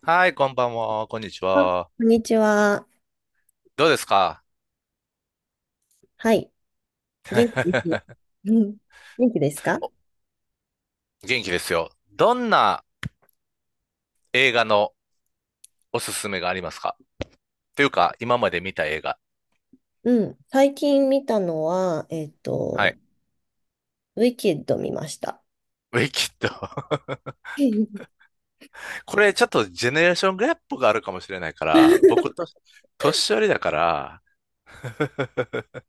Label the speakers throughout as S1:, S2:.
S1: はい、こんばんは、こんにち
S2: あ、こ
S1: は。
S2: んにちは。
S1: どうですか？
S2: はい。元気ですよ。うん、元気ですか？
S1: お元気ですよ。どんな映画のおすすめがありますか？というか、今まで見た映画。
S2: うん。最近見たのは、
S1: はい。
S2: ウィキッド見ました。
S1: ウィキッド。
S2: ウ
S1: これちょっとジェネレーションギャップがあるかもしれないから、僕と、年寄りだから。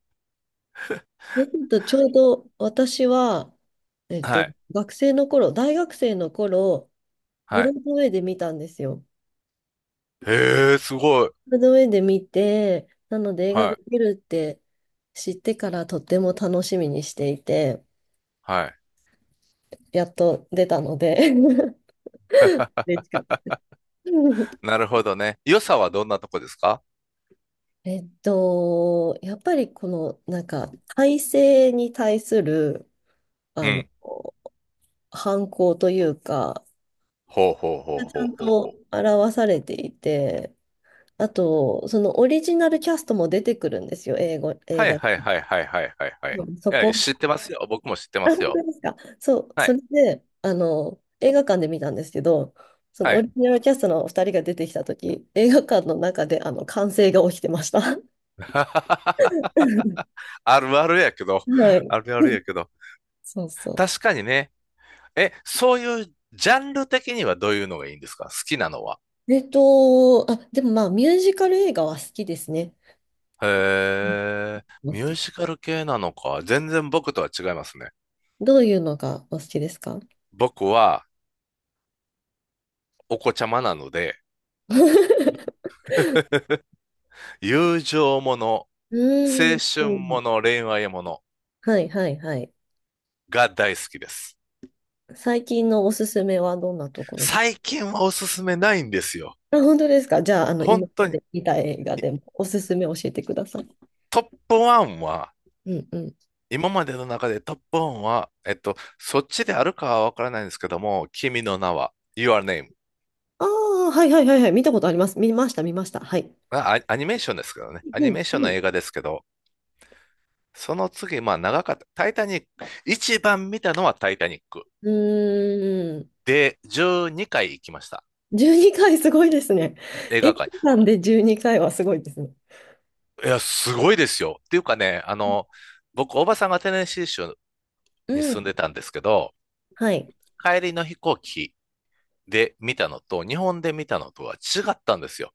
S2: ィキッドちょうど私は、えっ
S1: は
S2: と、
S1: い。
S2: 学生の頃、大学生の頃、ブ
S1: は
S2: ロ
S1: い。
S2: ードウェイで見たんですよ。
S1: へえ、すごい。
S2: ブロードウェイで見て、なので映画
S1: は
S2: が
S1: い。
S2: 出るって知ってからとっても楽しみにしていて、
S1: はい。
S2: やっと出たので 嬉しかった。
S1: なるほどね。良さはどんなとこですか？
S2: やっぱりこの、体制に対する、
S1: う
S2: あの、
S1: ん。
S2: 反抗というか、
S1: ほうほうほ
S2: ち
S1: うほ
S2: ゃ
S1: う
S2: ん
S1: ほう。
S2: と表されていて、あと、そのオリジナルキャストも出てくるんですよ、英語、映
S1: はい
S2: 画。
S1: はいはいはいはいはいは
S2: う
S1: い。
S2: ん、そ
S1: いや、
S2: こ。
S1: 知っ てますよ。僕も知ってま
S2: あ、
S1: す
S2: 本当
S1: よ。
S2: ですか？そう、
S1: は
S2: そ
S1: い
S2: れで、映画館で見たんですけど、その
S1: は
S2: オ
S1: い。
S2: リジナルキャストのお二人が出てきたとき、映画館の中で、歓声が起きてました。は
S1: あるあるやけど。
S2: い。
S1: あるある やけど。
S2: そうそう。
S1: 確かにね。え、そういうジャンル的にはどういうのがいいんですか？好きなのは。
S2: あ、でもまあ、ミュージカル映画は好きですね。
S1: へえ、
S2: うん、好
S1: ミュー
S2: き。
S1: ジカル系なのか。全然僕とは違いますね。
S2: どういうのがお好きですか？ う
S1: 僕はお子ちゃまなので、友情もの、青
S2: ーん。
S1: 春もの、恋愛もの
S2: はいはいはい。
S1: が大好きです。
S2: 最近のおすすめはどんなところです？
S1: 最近はおすすめないんですよ。
S2: あ、本当ですか？じゃあ、今
S1: 本当
S2: ま
S1: に。
S2: で見た映画でもおすすめ教えてください。
S1: トップ1は
S2: うんうん。
S1: 今までの中でトップワンは、そっちであるかはわからないんですけども、君の名は、Your Name。
S2: ああ、はいはいはいはい。見たことあります。見ました、見ました。はい。
S1: あ、ア、アニメーションですけどね。ア
S2: う
S1: ニ
S2: ん。
S1: メーション
S2: う
S1: の
S2: ん
S1: 映画ですけど、その次、まあ長かった。タイタニック。一番見たのはタイタニック。
S2: うーん。
S1: で、12回行きました。
S2: 12回すごいですね。
S1: 映
S2: 映
S1: 画館、
S2: 画館で12回はすごいですね。
S1: いや、すごいですよ。っていうかね、僕、おばさんがテネシー州
S2: う
S1: に住んで
S2: ん。
S1: たんですけど、
S2: はい。
S1: 帰りの飛行機で見たのと、日本で見たのとは違ったんですよ。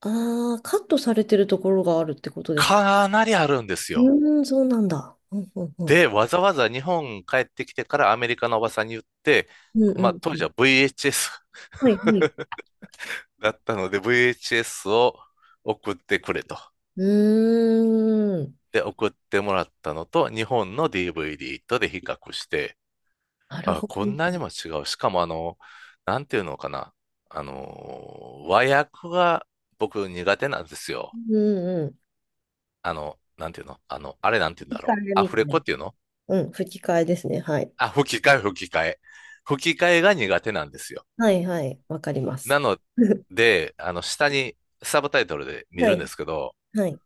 S2: ああ、カットされてるところがあるってことですか？
S1: かなりあるんですよ。
S2: うーん、そうなんだ。うんうんうん。
S1: で、わざわざ日本帰ってきてからアメリカのおばさんに言って、
S2: うんう
S1: まあ
S2: ん
S1: 当
S2: う
S1: 時
S2: ん。
S1: は VHS
S2: はいはい。
S1: だったので VHS を送ってくれと。
S2: うーん。
S1: で、送ってもらったのと日本の DVD とで比較して、
S2: なる
S1: あ、
S2: ほ
S1: こんなに
S2: ど。
S1: も違う。しかもなんていうのかな。和訳が僕苦手なんですよ。
S2: うんうん。
S1: あの、なんていうのあの、あれなんていうん
S2: 吹
S1: だ
S2: き
S1: ろう。
S2: 替え
S1: ア
S2: みた
S1: フレ
S2: いな。
S1: コっていうの？
S2: うん、吹き替えですね。はい。
S1: あ、吹き替え、吹き替え。吹き替えが苦手なんですよ。
S2: はいはい。わかりま
S1: な
S2: す。
S1: の で、下にサブタイトルで見
S2: は
S1: るんで
S2: い
S1: すけど、
S2: はい。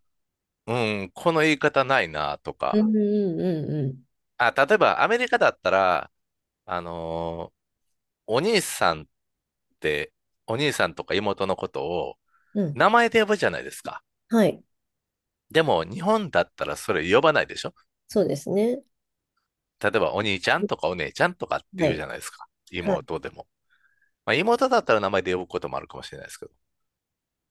S1: うん、この言い方ないなと
S2: う
S1: か。
S2: んうんうん
S1: あ、例えばアメリカだったら、あのーお兄さんって、お兄さんとか妹のことを
S2: うん。うん。
S1: 名前で呼ぶじゃないですか。
S2: はい。
S1: でも、日本だったらそれ呼ばないでしょ？
S2: そうですね。
S1: 例えば、お兄ちゃんとかお姉ちゃんとかって
S2: は
S1: 言うじ
S2: い。
S1: ゃないですか。
S2: はい。
S1: 妹でも。まあ、妹だったら名前で呼ぶこともあるかもしれないですけど、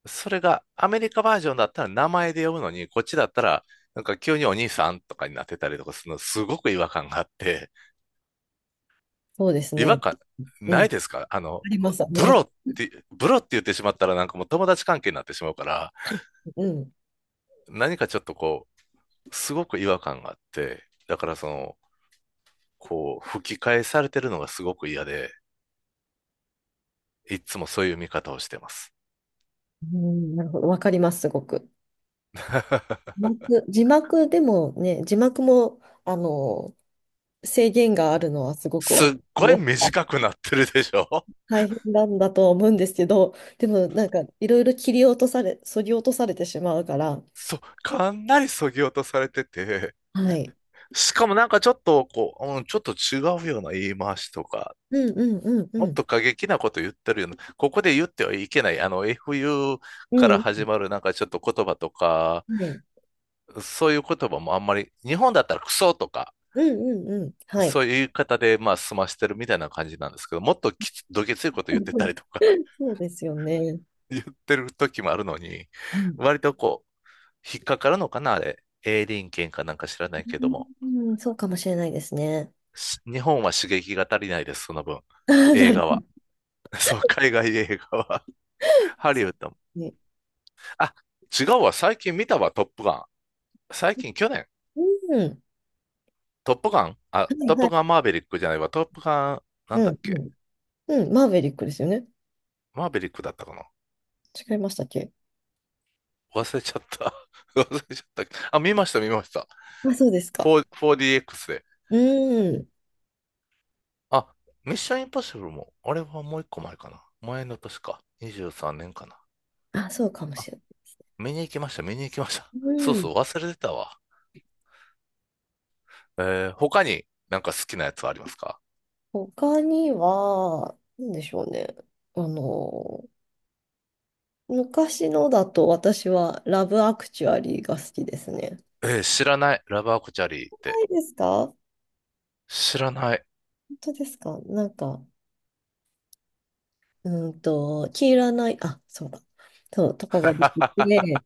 S1: それがアメリカバージョンだったら名前で呼ぶのに、こっちだったら、なんか急にお兄さんとかになってたりとかするの、すごく違和感があって、
S2: そうです
S1: 違和
S2: ね。
S1: 感
S2: う
S1: ない
S2: ん。
S1: ですか？
S2: ありま
S1: ブ
S2: す、あります。
S1: ロって、ブロって言ってしまったらなんかもう友達関係になってしまうから、
S2: うん。
S1: 何かちょっとこう、すごく違和感があって、だからその、こう、吹き返されてるのがすごく嫌で、いつもそういう見方をしてます。
S2: うん、なるほど。わかります、すごく。字幕でもね、字幕も、制限があるのはすごく
S1: すっごい
S2: ね
S1: 短くなってるでしょ？
S2: 大変なんだとは思うんですけど、でもなんかいろいろ切り落とされ、削ぎ落とされてしまうから、
S1: そう、かなり削ぎ落とされてて、
S2: はい。
S1: しかもなんかちょっとこう、うん、ちょっと違うような言い回しとか、
S2: うんうんうん
S1: も
S2: う
S1: っ
S2: ん。
S1: と過激なこと言ってるような、ここで言ってはいけない、FU か
S2: う
S1: ら
S2: ん。
S1: 始まるなんかちょっと言葉とか、
S2: はい。
S1: そういう言葉もあんまり、日本だったらクソとか、
S2: うんうんうん。はい。
S1: そういう言い方でまあ済ましてるみたいな感じなんですけど、もっときつどげついこと言ってたり とか、
S2: そうですよね。
S1: 言ってる時もあるのに、
S2: うん、
S1: 割とこう、引っかかるのかな、あれ。営林権かなんか知らないけども、
S2: うん、そうかもしれないですね。
S1: し日本は刺激が足りないです、その分。
S2: あー、な
S1: 映
S2: る
S1: 画
S2: ほ
S1: は。そう、海外映画は ハリウッドも。
S2: どね。
S1: あ、違うわ。最近見たわ、トップガン。最近、去年。
S2: うん。
S1: トップガン、あ、
S2: はい
S1: トッ
S2: は
S1: プ
S2: い。
S1: ガンマーベリックじゃないわ。トップガン、な
S2: う
S1: んだっ
S2: んう
S1: け？
S2: ん。うん。マーヴェリックですよね？
S1: マーベリックだったかな？
S2: 違いましたっけ？
S1: 忘れちゃった。忘れちゃった。あ、見ました、見ました。4、
S2: あ、そうですか。
S1: 4DX で。
S2: うん。
S1: あ、ミッションインポッシブルも、あれはもう一個前かな。前の年か。23年かな。
S2: あ、そうかも
S1: あ、
S2: しれな
S1: 見に行きました、見に行きました。
S2: い。
S1: そう
S2: うん。
S1: そう、忘れてたわ。えー、他になんか好きなやつはありますか？
S2: 他には、なんでしょうね。あの、昔のだと私はラブアクチュアリーが好きですね。
S1: えー、知らない。ラブアクチャリーっ
S2: な
S1: て。
S2: いですか？
S1: 知らない。
S2: 本当ですか？なんか、黄色ない、あ、そうだ。そう、とかが出てて、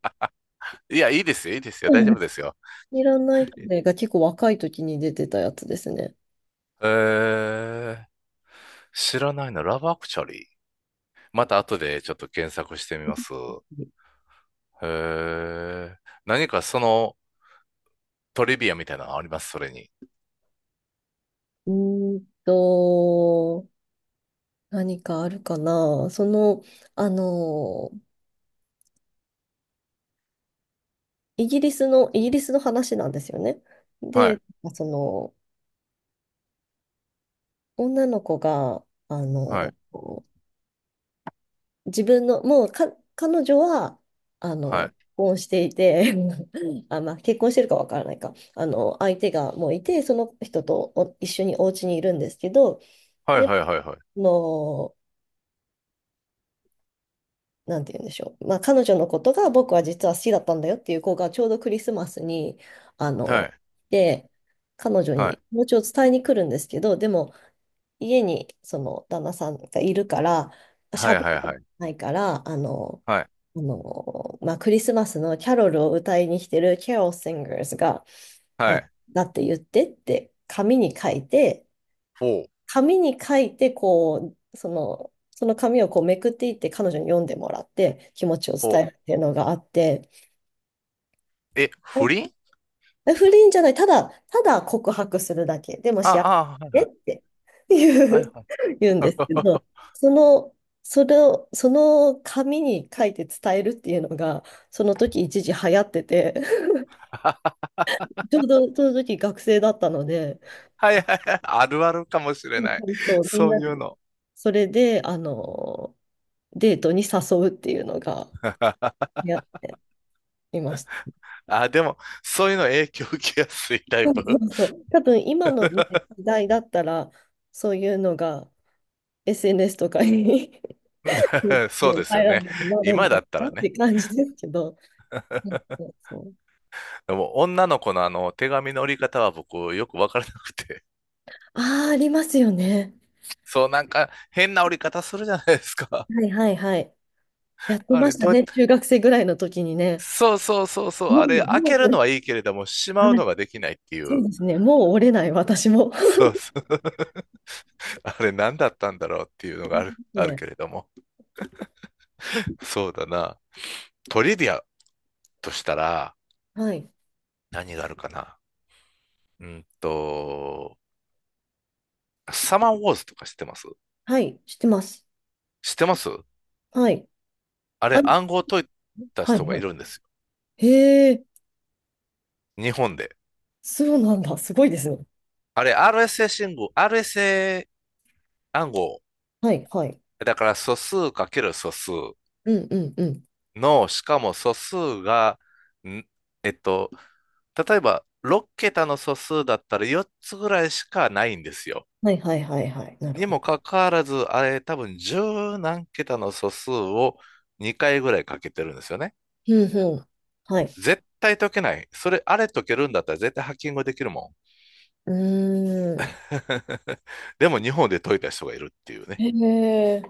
S1: いや、いいですよ、いいですよ。大
S2: う
S1: 丈
S2: ん、
S1: 夫
S2: 黄
S1: ですよ。
S2: 色ない彼が結構若い時に出てたやつですね。
S1: えー、知らないの。ラブアクチャリー。また後でちょっと検索してみます。えー、何かそのトリビアみたいなのあります？それに。
S2: うーんと、何かあるかな。その、あの、イギリスの話なんですよね。
S1: はい、
S2: で、その、女の子が、
S1: はい、
S2: 自分の、もうか、彼女は、
S1: は
S2: 結
S1: い。
S2: 婚していて、あ、まあ、結婚してるかわからないか、相手がもういて、その人とお一緒にお家にいるんですけど、
S1: はい、
S2: で、
S1: はい、はい、はい。
S2: あの、なんて言うんでしょう。まあ、彼女のことが僕は実は好きだったんだよっていう子がちょうどクリスマスに、あ
S1: は
S2: の、
S1: い、
S2: で、彼女
S1: は
S2: に気持ちを伝えに来るんですけど、でも家にその旦那さんがいるから、
S1: い、はい、
S2: 喋っ
S1: はい、
S2: て
S1: はい。
S2: ないから、
S1: はい、
S2: まあ、クリスマスのキャロルを歌いに来てるキャロル・シンガーズが、
S1: は
S2: あ、
S1: い。
S2: だって言ってって紙に書いて、
S1: フォー、
S2: 紙に書いて、こう、その紙をこうめくっていって彼女に読んでもらって気持ちを
S1: フォ
S2: 伝える
S1: ー。
S2: っていうのがあって、
S1: え、
S2: う
S1: 不倫？
S2: ん、不倫じゃない、ただ、ただ告白するだけ。でも幸
S1: あ
S2: せねって
S1: あ、
S2: 言
S1: はい、
S2: う、
S1: はい。
S2: 言うんですけ
S1: は
S2: ど、
S1: い
S2: その、それを、その紙に書いて伝えるっていうのが、その時一時流行ってて、ちょうどその時学生だったので、
S1: はいはいはい。あるあるかもしれない。
S2: そうそう、みん
S1: そ
S2: な
S1: ういう
S2: で。
S1: の。
S2: それで、デートに誘うっていうのが、やっていました。
S1: あ、でも、そういうの影響受けやすいタイ
S2: そう
S1: プ？
S2: そうそう。多分今のね、時代だったら、そういうのが SNS とかに
S1: そう
S2: で、
S1: です
S2: バ
S1: よ
S2: イラ
S1: ね。
S2: ルになるん
S1: 今
S2: だ
S1: だ
S2: ろ
S1: った
S2: うな
S1: ら
S2: って
S1: ね。
S2: 感じですけど。そうそうそう。
S1: でも、女の子のあの、手紙の折り方は僕、よくわからなくて。
S2: ああ、ありますよね。
S1: そう、なんか、変な折り方するじゃないですか。
S2: はいはいはい。やって
S1: あ
S2: ま
S1: れ、
S2: した
S1: どうやっ
S2: ね。
S1: て？
S2: 中学生ぐらいの時にね。
S1: そうそうそうそう。
S2: も
S1: あれ、
S2: う、
S1: 開
S2: もう
S1: ける
S2: 折
S1: のはいいけれども、し
S2: れ、
S1: まう
S2: は
S1: の
S2: い、
S1: ができないってい
S2: そ
S1: う。
S2: うですね。もう折れない、私も。
S1: そうそう。あれ、何だったんだろうっていうの が
S2: で
S1: ある、
S2: す
S1: ある
S2: ね。
S1: けれども。そうだな。トリビアとしたら、
S2: はい。
S1: 何があるかな。うんと、サマーウォーズとか知ってます？
S2: はい。知ってます。
S1: 知ってます？
S2: はい。
S1: あ
S2: あ、
S1: れ暗号解いた
S2: はい
S1: 人が
S2: は
S1: いるんですよ。
S2: い。へえ、
S1: 日本で。
S2: そうなんだ。すごいですね。
S1: あれ RSA 信号、RSA 暗号。
S2: はいはい。
S1: だから素数かける素数
S2: うんうんうん。
S1: の、しかも素数が、んえっと、例えば6桁の素数だったら4つぐらいしかないんですよ。
S2: はいはいはいはい。なる
S1: に
S2: ほど。
S1: もかかわらず、あれ多分10何桁の素数を2回ぐらいかけてるんですよね。
S2: うんうん。はい。
S1: 絶対解けない。それ、あれ解けるんだったら絶対ハッキングできるもん。
S2: うーん。
S1: でも日本で解いた人がいるっていうね。
S2: へえ。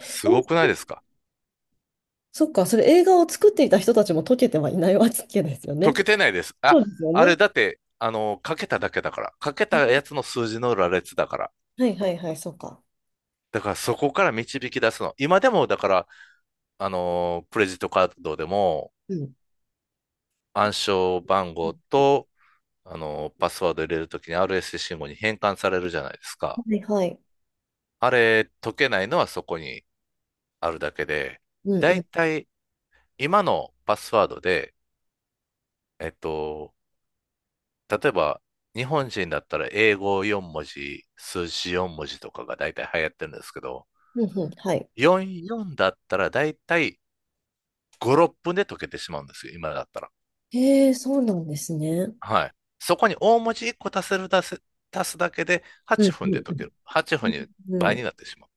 S1: す
S2: お、
S1: ごくないですか？
S2: そっか、それ映画を作っていた人たちも解けてはいないわけですよ
S1: 解
S2: ね。
S1: けてないです。
S2: そ
S1: あ、
S2: うですよ
S1: あ
S2: ね。
S1: れだって、かけただけだから。かけたやつの数字の羅列だから。
S2: はいはいはい、そうか。
S1: だからそこから導き出すの。今でも、だから、クレジットカードでも
S2: うん。
S1: 暗証番号と、パスワード入れるときに RSC 信号に変換されるじゃないです
S2: は
S1: か。
S2: いはい。
S1: あれ、解けないのはそこにあるだけで、
S2: うん
S1: だ
S2: う
S1: い
S2: ん。
S1: たい今のパスワードで、えっと、例えば、日本人だったら英語4文字、数字4文字とかが大体流行ってるんですけど、
S2: うんうん、はい。
S1: 44だったら大体5、6分で解けてしまうんですよ、今だったら。
S2: へえ、そうなんですね。
S1: はい。そこに大文字1個足せる、足せ、足すだけで8
S2: うんう
S1: 分で
S2: ん
S1: 解ける。8分に
S2: うん。う
S1: 倍に
S2: ん、
S1: なってしまう。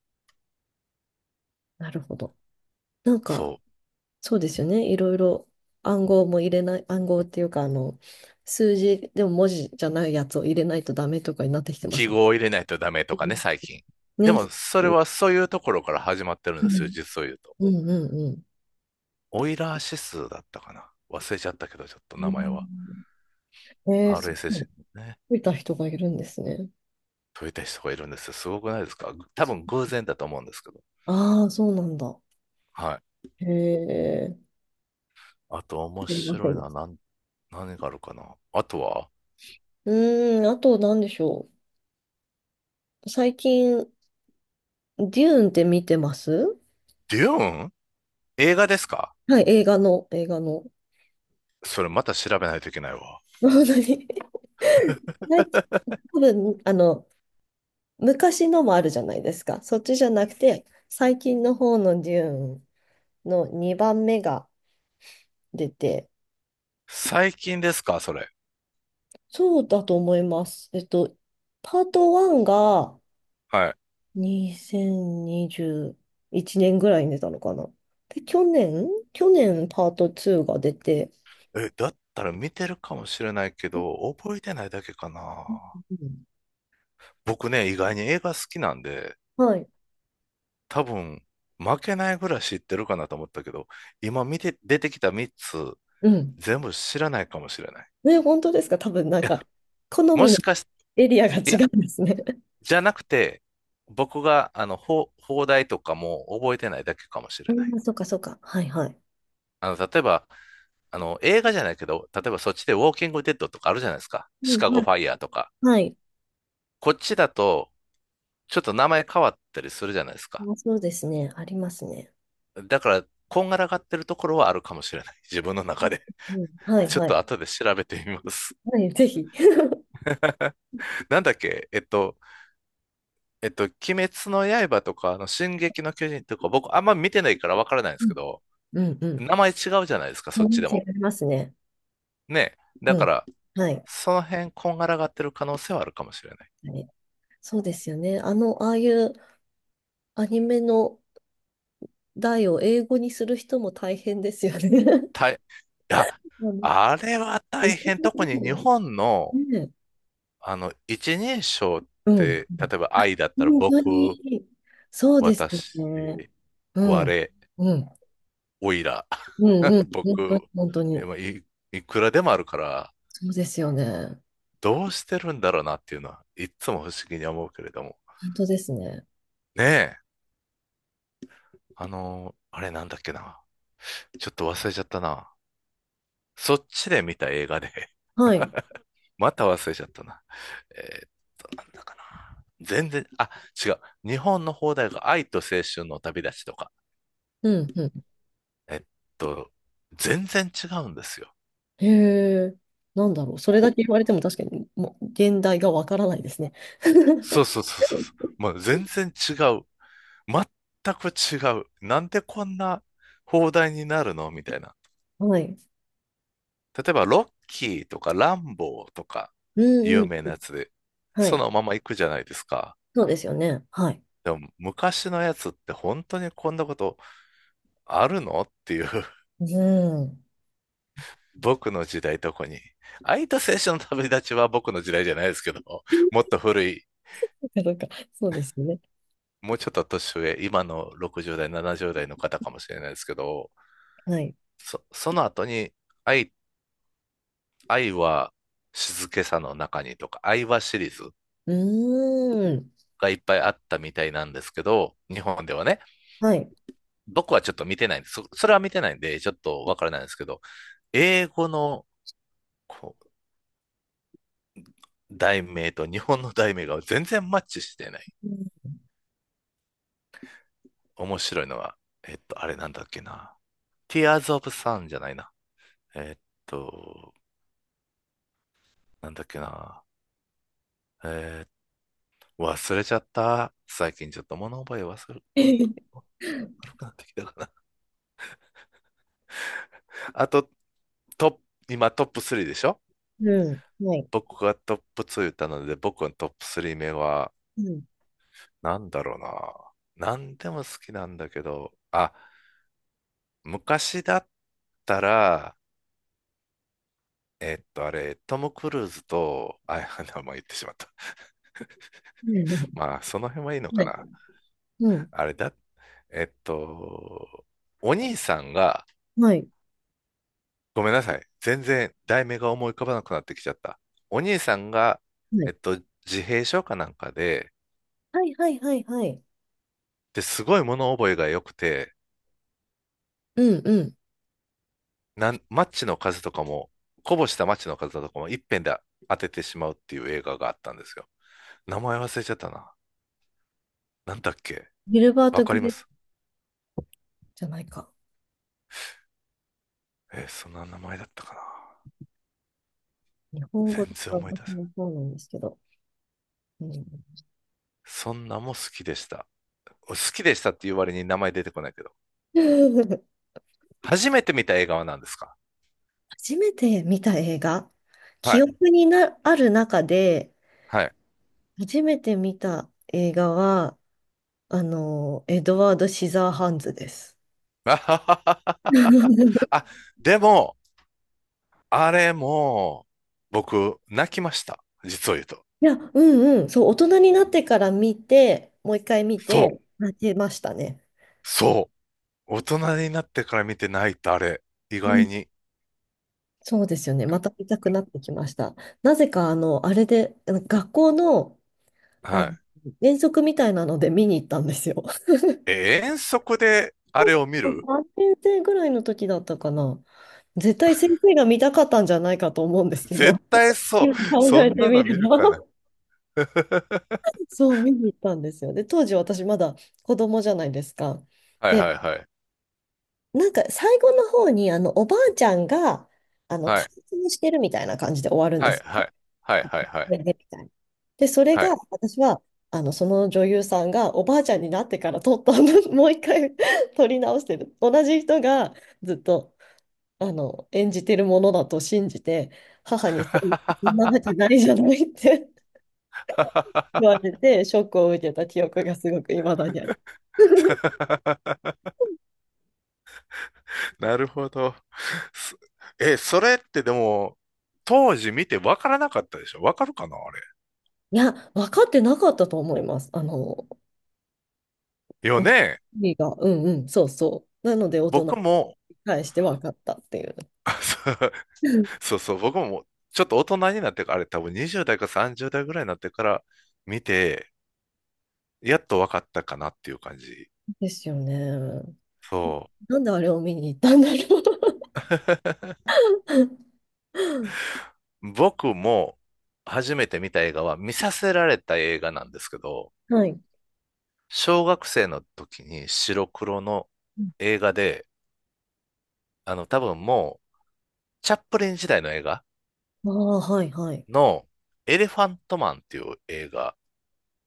S2: なるほど。なんか、
S1: そう。
S2: そうですよね。いろいろ暗号も入れない、暗号っていうか、数字でも文字じゃないやつを入れないとダメとかになってきてま
S1: 記
S2: すもん、
S1: 号を入れないとダメとかね、最近。
S2: うん、
S1: で
S2: ね。
S1: も、それ
S2: う
S1: はそういうところから始まってるんで
S2: ん
S1: すよ、実を言うと。
S2: うんうんうん
S1: オイラー指数だったかな。忘れちゃったけど、ちょっと名前は。
S2: うん。えー、そう、
S1: RSS のね、
S2: 見いた人がいるんですね。
S1: 解いた人がいるんですよ。すごくないですか？多分偶然だと思うんですけど。
S2: ああ、そうなんだ。
S1: はい。
S2: へえ。
S1: あと面
S2: 知りませ
S1: 白
S2: ん
S1: い
S2: で
S1: のは
S2: した。
S1: 何があるかなあとは。
S2: うーん、あと何でしょう。最近、デューンって見てます？
S1: デューン、映画ですか？
S2: はい、映画の、映画の。
S1: それまた調べないといけないわ。
S2: 本当に。最近、多分、昔のもあるじゃないですか。そっちじゃなくて、最近の方のデューンの2番目が出て、
S1: 最近ですかそれ。
S2: そうだと思います。パート1が
S1: はい。
S2: 2021年ぐらいに出たのかな。で、去年パート2が出て、
S1: え、だったら見てるかもしれないけ
S2: う
S1: ど、覚えてないだけか
S2: ん
S1: な。
S2: うん
S1: 僕ね、意外に映画好きなんで、
S2: はい。
S1: 多分、負けないぐらい知ってるかなと思ったけど、今見て、出てきた3つ、
S2: うん。
S1: 全部知らないかもしれない。
S2: ね、本当ですか？多分なん
S1: いや、
S2: か、好
S1: も
S2: みの
S1: しかして、
S2: エリアが違
S1: いや、
S2: うんですね。
S1: じゃなくて、僕が、あの、放題とかも覚えてないだけかもし
S2: あ
S1: れない。
S2: あ、そうかそうか。はいはい。
S1: あの、例えば、あの、映画じゃないけど、例えばそっちでウォーキングデッドとかあるじゃないですか。
S2: う
S1: シ
S2: ん、
S1: カゴ
S2: はい。
S1: ファイヤーとか。
S2: はい、
S1: こっちだと、ちょっと名前変わったりするじゃないですか。
S2: あ、そうですね。ありますね。
S1: だから、こんがらがってるところはあるかもしれない。自分の中で。
S2: うん。はい、
S1: ちょっ
S2: はい。
S1: と後で調べてみます。
S2: はい、ぜひ。
S1: なんだっけ、鬼滅の刃とか、あの、進撃の巨人とか、僕あんま見てないからわからないんで
S2: う
S1: す
S2: ん。
S1: けど、
S2: うんうん。
S1: 名前違うじゃないですか、そっちで
S2: 話あ
S1: も。
S2: りますね。
S1: ね。だ
S2: う
S1: か
S2: ん。
S1: ら、
S2: はい。
S1: その辺、こんがらがってる可能性はあるかもしれない。
S2: はい、そうですよね。ああいうアニメの題を英語にする人も大変ですよね。
S1: いや、
S2: うん、
S1: あれは
S2: 日
S1: 大
S2: 本
S1: 変。
S2: 語で
S1: 特に日
S2: も
S1: 本の、
S2: ね。
S1: あの、一人称っ
S2: うん。
S1: て、例えば愛だったら、
S2: 本当
S1: 僕、
S2: に、そうです
S1: 私、
S2: よね。う
S1: 我、
S2: ん。うん。
S1: おいら、
S2: うんうん。
S1: 僕、
S2: 本当に、本当
S1: いや
S2: に。
S1: まあいくらでもあるから、
S2: そうですよね。
S1: どうしてるんだろうなっていうのは、いっつも不思議に思うけれども。
S2: 本当ですね。
S1: ねえ、あれなんだっけな。ちょっと忘れちゃったな。そっちで見た映画で、
S2: はい。うん
S1: また忘れちゃったな。えっなんだかな。全然、あ、違う。日本の放題が愛と青春の旅立ちとか。
S2: うん。
S1: えっと、全然違うんですよ。
S2: へえ、なんだろう。それだ
S1: ほ
S2: け言われても確かに、もう、現代がわからないですね。
S1: そうそうそうそうそう。もう全然違う。全く違う。なんでこんな放題になるのみたいな。
S2: はい。
S1: 例えば、ロッキーとかランボーとか、
S2: うん
S1: 有名
S2: う
S1: な
S2: ん。
S1: やつで、
S2: は
S1: そ
S2: い。
S1: のまま行くじゃないですか。
S2: そうですよね。はい。
S1: でも、昔のやつって本当にこんなことあるのっていう、
S2: うん。
S1: 僕の時代とこに。空いた青春の旅立ちは僕の時代じゃないですけど、もっ と古い、
S2: そうか、そうですよね。
S1: もうちょっと年上、今の60代、70代の方かもしれないですけど、
S2: はい。
S1: その後に愛、愛は静けさの中にとか、愛はシリーズ
S2: うーん。
S1: がいっぱいあったみたいなんですけど、日本ではね。
S2: はい。
S1: 僕はちょっと見てないんです。それは見てないんで、ちょっとわからないんですけど、英語のこう題名と日本の題名が全然マッチしてない。
S2: うん。
S1: 面白いのは、あれなんだっけな。Tears of Sun じゃないな。えっと、なんだっけな。えー忘れちゃった。最近ちょっと物覚え忘れ、わ悪くなってきたかな。あと、トップ、今トップ3でしょ？
S2: うん、はい。
S1: 僕がトップ2言ったので、僕のトップ3目は、
S2: うん。
S1: なんだろうな。なんでも好きなんだけど、あ、昔だったら、あれ、トム・クルーズと、あ、名前言ってしまった。
S2: う ん、
S1: まあ、その辺はいいの
S2: は
S1: か
S2: い。
S1: な。
S2: うん。
S1: あれだ、えっと、お兄さんが、
S2: はい。
S1: ごめんなさい。全然題名が思い浮かばなくなってきちゃった。お兄さんが、えっ
S2: は
S1: と、自閉症かなんか
S2: い。はい。はい。はい。はい。
S1: で、すごい物覚えが良くて、
S2: うん。うん。
S1: マッチの数とかも、こぼしたマッチの数とかも一遍で当ててしまうっていう映画があったんですよ。名前忘れちゃったな。なんだっけ、
S2: ギルバー
S1: わ
S2: ト・
S1: か
S2: グ
S1: りま
S2: レープ
S1: す？
S2: じゃないか。
S1: そんな名前だったかな。
S2: 日本語
S1: 全
S2: で
S1: 然思い出せ
S2: 私
S1: ない。
S2: もそうなんですけど。うん
S1: そんなも好きでした。好きでしたっていう割に名前出てこないけど。初めて見た映画は何ですか？
S2: 初めて見た映画、
S1: は
S2: 記
S1: い。
S2: 憶にな、ある中で、
S1: はい。
S2: 初めて見た映画は、エドワード・シザーハンズです。
S1: あははは あ、でも、あれも、僕、泣きました。実を言うと。
S2: いや、うんうん、そう、大人になってから見て、もう一回見
S1: そ
S2: て、
S1: う。
S2: 泣けましたね。
S1: そう。大人になってから見て泣いたあれ。意
S2: う
S1: 外
S2: ん、
S1: に。
S2: そうですよね。また見たくなってきました。なぜか、あれで、あの学校の、あ
S1: は
S2: の、遠足みたいなので見に行ったんですよ。
S1: い。え、遠足であれを見る？
S2: 3年生ぐらいの時だったかな。絶対先生が見たかったんじゃないかと思うんですけ
S1: 絶
S2: ど、
S1: 対そう。
S2: 今考
S1: そ
S2: え
S1: ん
S2: て
S1: な
S2: み
S1: の見
S2: れ
S1: る
S2: ば
S1: かな。
S2: そう見に行ったんですよ。で、当時私まだ子供じゃないですか。
S1: はい
S2: で、
S1: はいはい。
S2: なんか最後の方にあのおばあちゃんが
S1: は
S2: 解
S1: い。
S2: 禁してるみたいな感じで終わるんで
S1: はい
S2: す。
S1: はいはいはい はい。
S2: で、みたいな。で、それ
S1: は
S2: が
S1: い。
S2: 私はその女優さんがおばあちゃんになってから撮ったの もう一回撮り直してる。同じ人がずっと演じてるものだと信じて、母にそんなわけないじゃないって 言われて、ショックを受けた記憶がすごく未だにある。
S1: なるほど。すえ、それってでも、当時見てわからなかったでしょ？わかるかなあれ。
S2: いや、分かってなかったと思います。
S1: よ
S2: うん、
S1: ね。
S2: 意味が、うんうん、そうそう。なので、大人
S1: 僕
S2: に
S1: も、
S2: 返して分かったっていう。
S1: あ、
S2: うん、
S1: そうそうそう、僕もちょっと大人になってから、あれ多分20代か30代ぐらいになってから見て、やっと分かったかなっていう感じ。
S2: ですよね。
S1: そ
S2: なんであれを見に行ったんだろう。
S1: う。僕も初めて見た映画は見させられた映画なんですけど、
S2: はい。
S1: 小学生の時に白黒の映画で、あの多分もうチャップリン時代の映画
S2: ああ、はい、はい。
S1: のエレファントマンっていう映画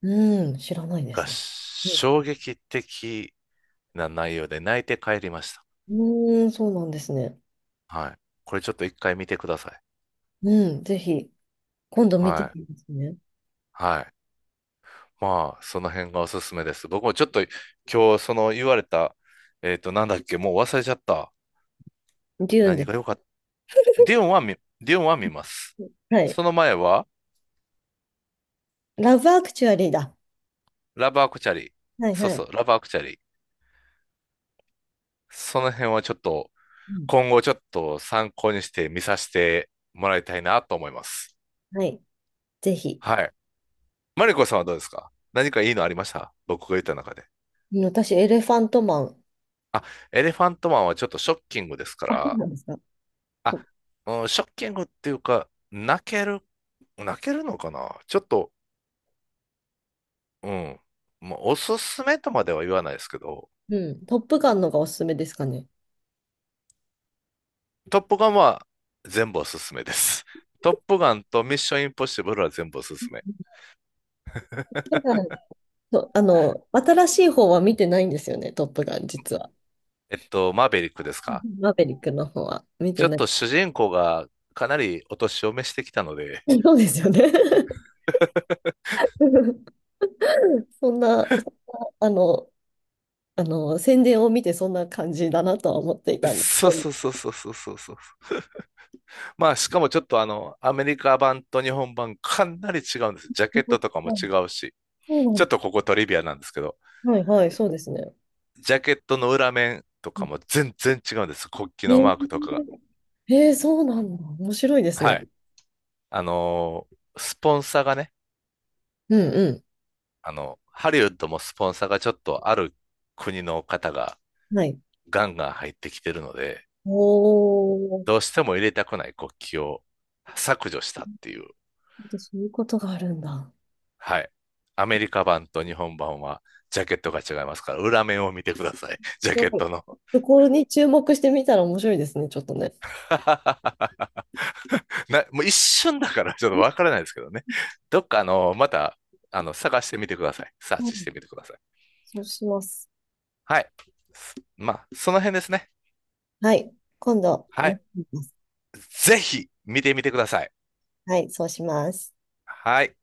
S2: うん、知らないで
S1: が
S2: す。う
S1: 衝撃的な内容で泣いて帰りました。
S2: ん、うーん、そうなんですね。
S1: はい。これちょっと一回見てください。
S2: うん、ぜひ。今度見て
S1: は
S2: み
S1: い。
S2: ますね。
S1: はい。まあ、その辺がおすすめです。僕もちょっと今日、その言われた、なんだっけ、もう忘れちゃった。
S2: デューンで
S1: 何
S2: す。
S1: が良かった。ディオンは見ます。
S2: はい。
S1: その前は、
S2: ラブアクチュアリーだ。
S1: ラブアクチャリー。
S2: はい
S1: そう
S2: は
S1: そ
S2: い。
S1: う、ラブアクチャリー。その辺はちょっと、
S2: うん。
S1: 今後ちょっと参考にして見させてもらいたいなと思います。
S2: はい。ぜひ。
S1: はい。マリコさんはどうですか？何かいいのありました？僕が言った中で。
S2: うん、私、エレファントマン。
S1: あ、エレファントマンはちょっとショッキングですか
S2: あ、そう
S1: ら、
S2: なんですか。
S1: あ、
S2: と、
S1: うん、ショッキングっていうか、泣けるのかなちょっと、うん。もうおすすめとまでは言わないですけど、
S2: うん。トップガンのがおすすめですかね。
S1: トップガンは全部おすすめです。トップガンとミッションインポッシブルは全部おすすめ。
S2: トップガン、そう、新しい方は見てないんですよね、トップガン、実は。
S1: マーベリックですか？
S2: マーベリックの方は見
S1: ち
S2: て
S1: ょっ
S2: ない。
S1: と主人公がかなりお年を召してきたので、
S2: そうですよね。そんな、宣伝を見てそんな感じだなとは思っていたんですけ
S1: そう
S2: ど。
S1: そうそうそうそうそうそう。まあ、しかもちょっとあの、アメリカ版と日本版かなり違うんです。ジャ
S2: そ
S1: ケット
S2: う
S1: とかも違うし、
S2: な
S1: ちょ
S2: んで
S1: っと
S2: す、
S1: ここトリビアなんですけど、
S2: はいはい、そうですね。
S1: ジャケットの裏面とかも全然違うんです。国旗
S2: え
S1: の
S2: ー、
S1: マークとかが。
S2: えー、そうなんだ。面白いですね。
S1: はい。スポンサーがね、
S2: うんう
S1: あの、ハリウッドもスポンサーがちょっとある国の方が
S2: ん。はい。
S1: ガンガン入ってきてるので、
S2: おー、
S1: どうしても入れたくない国旗を削除したっていう。
S2: そういうことがあるんだ。
S1: はい。アメリカ版と日本版はジャケットが違いますから、裏面を見てください。ジャ
S2: そ
S1: ケッ
S2: うだ、
S1: トの。
S2: そこに注目してみたら面白いですね、ちょっとね。
S1: もう一瞬だから ちょっとわからないですけどね。どっかあの、また、あの、探してみてください。サー
S2: う
S1: チし
S2: ん、
S1: てみてください。
S2: そうします。
S1: はい。まあ、その辺ですね。
S2: はい。今度、
S1: は
S2: 見
S1: い。
S2: てみます。
S1: ぜひ見てみてください。
S2: はい、そうします。
S1: はい。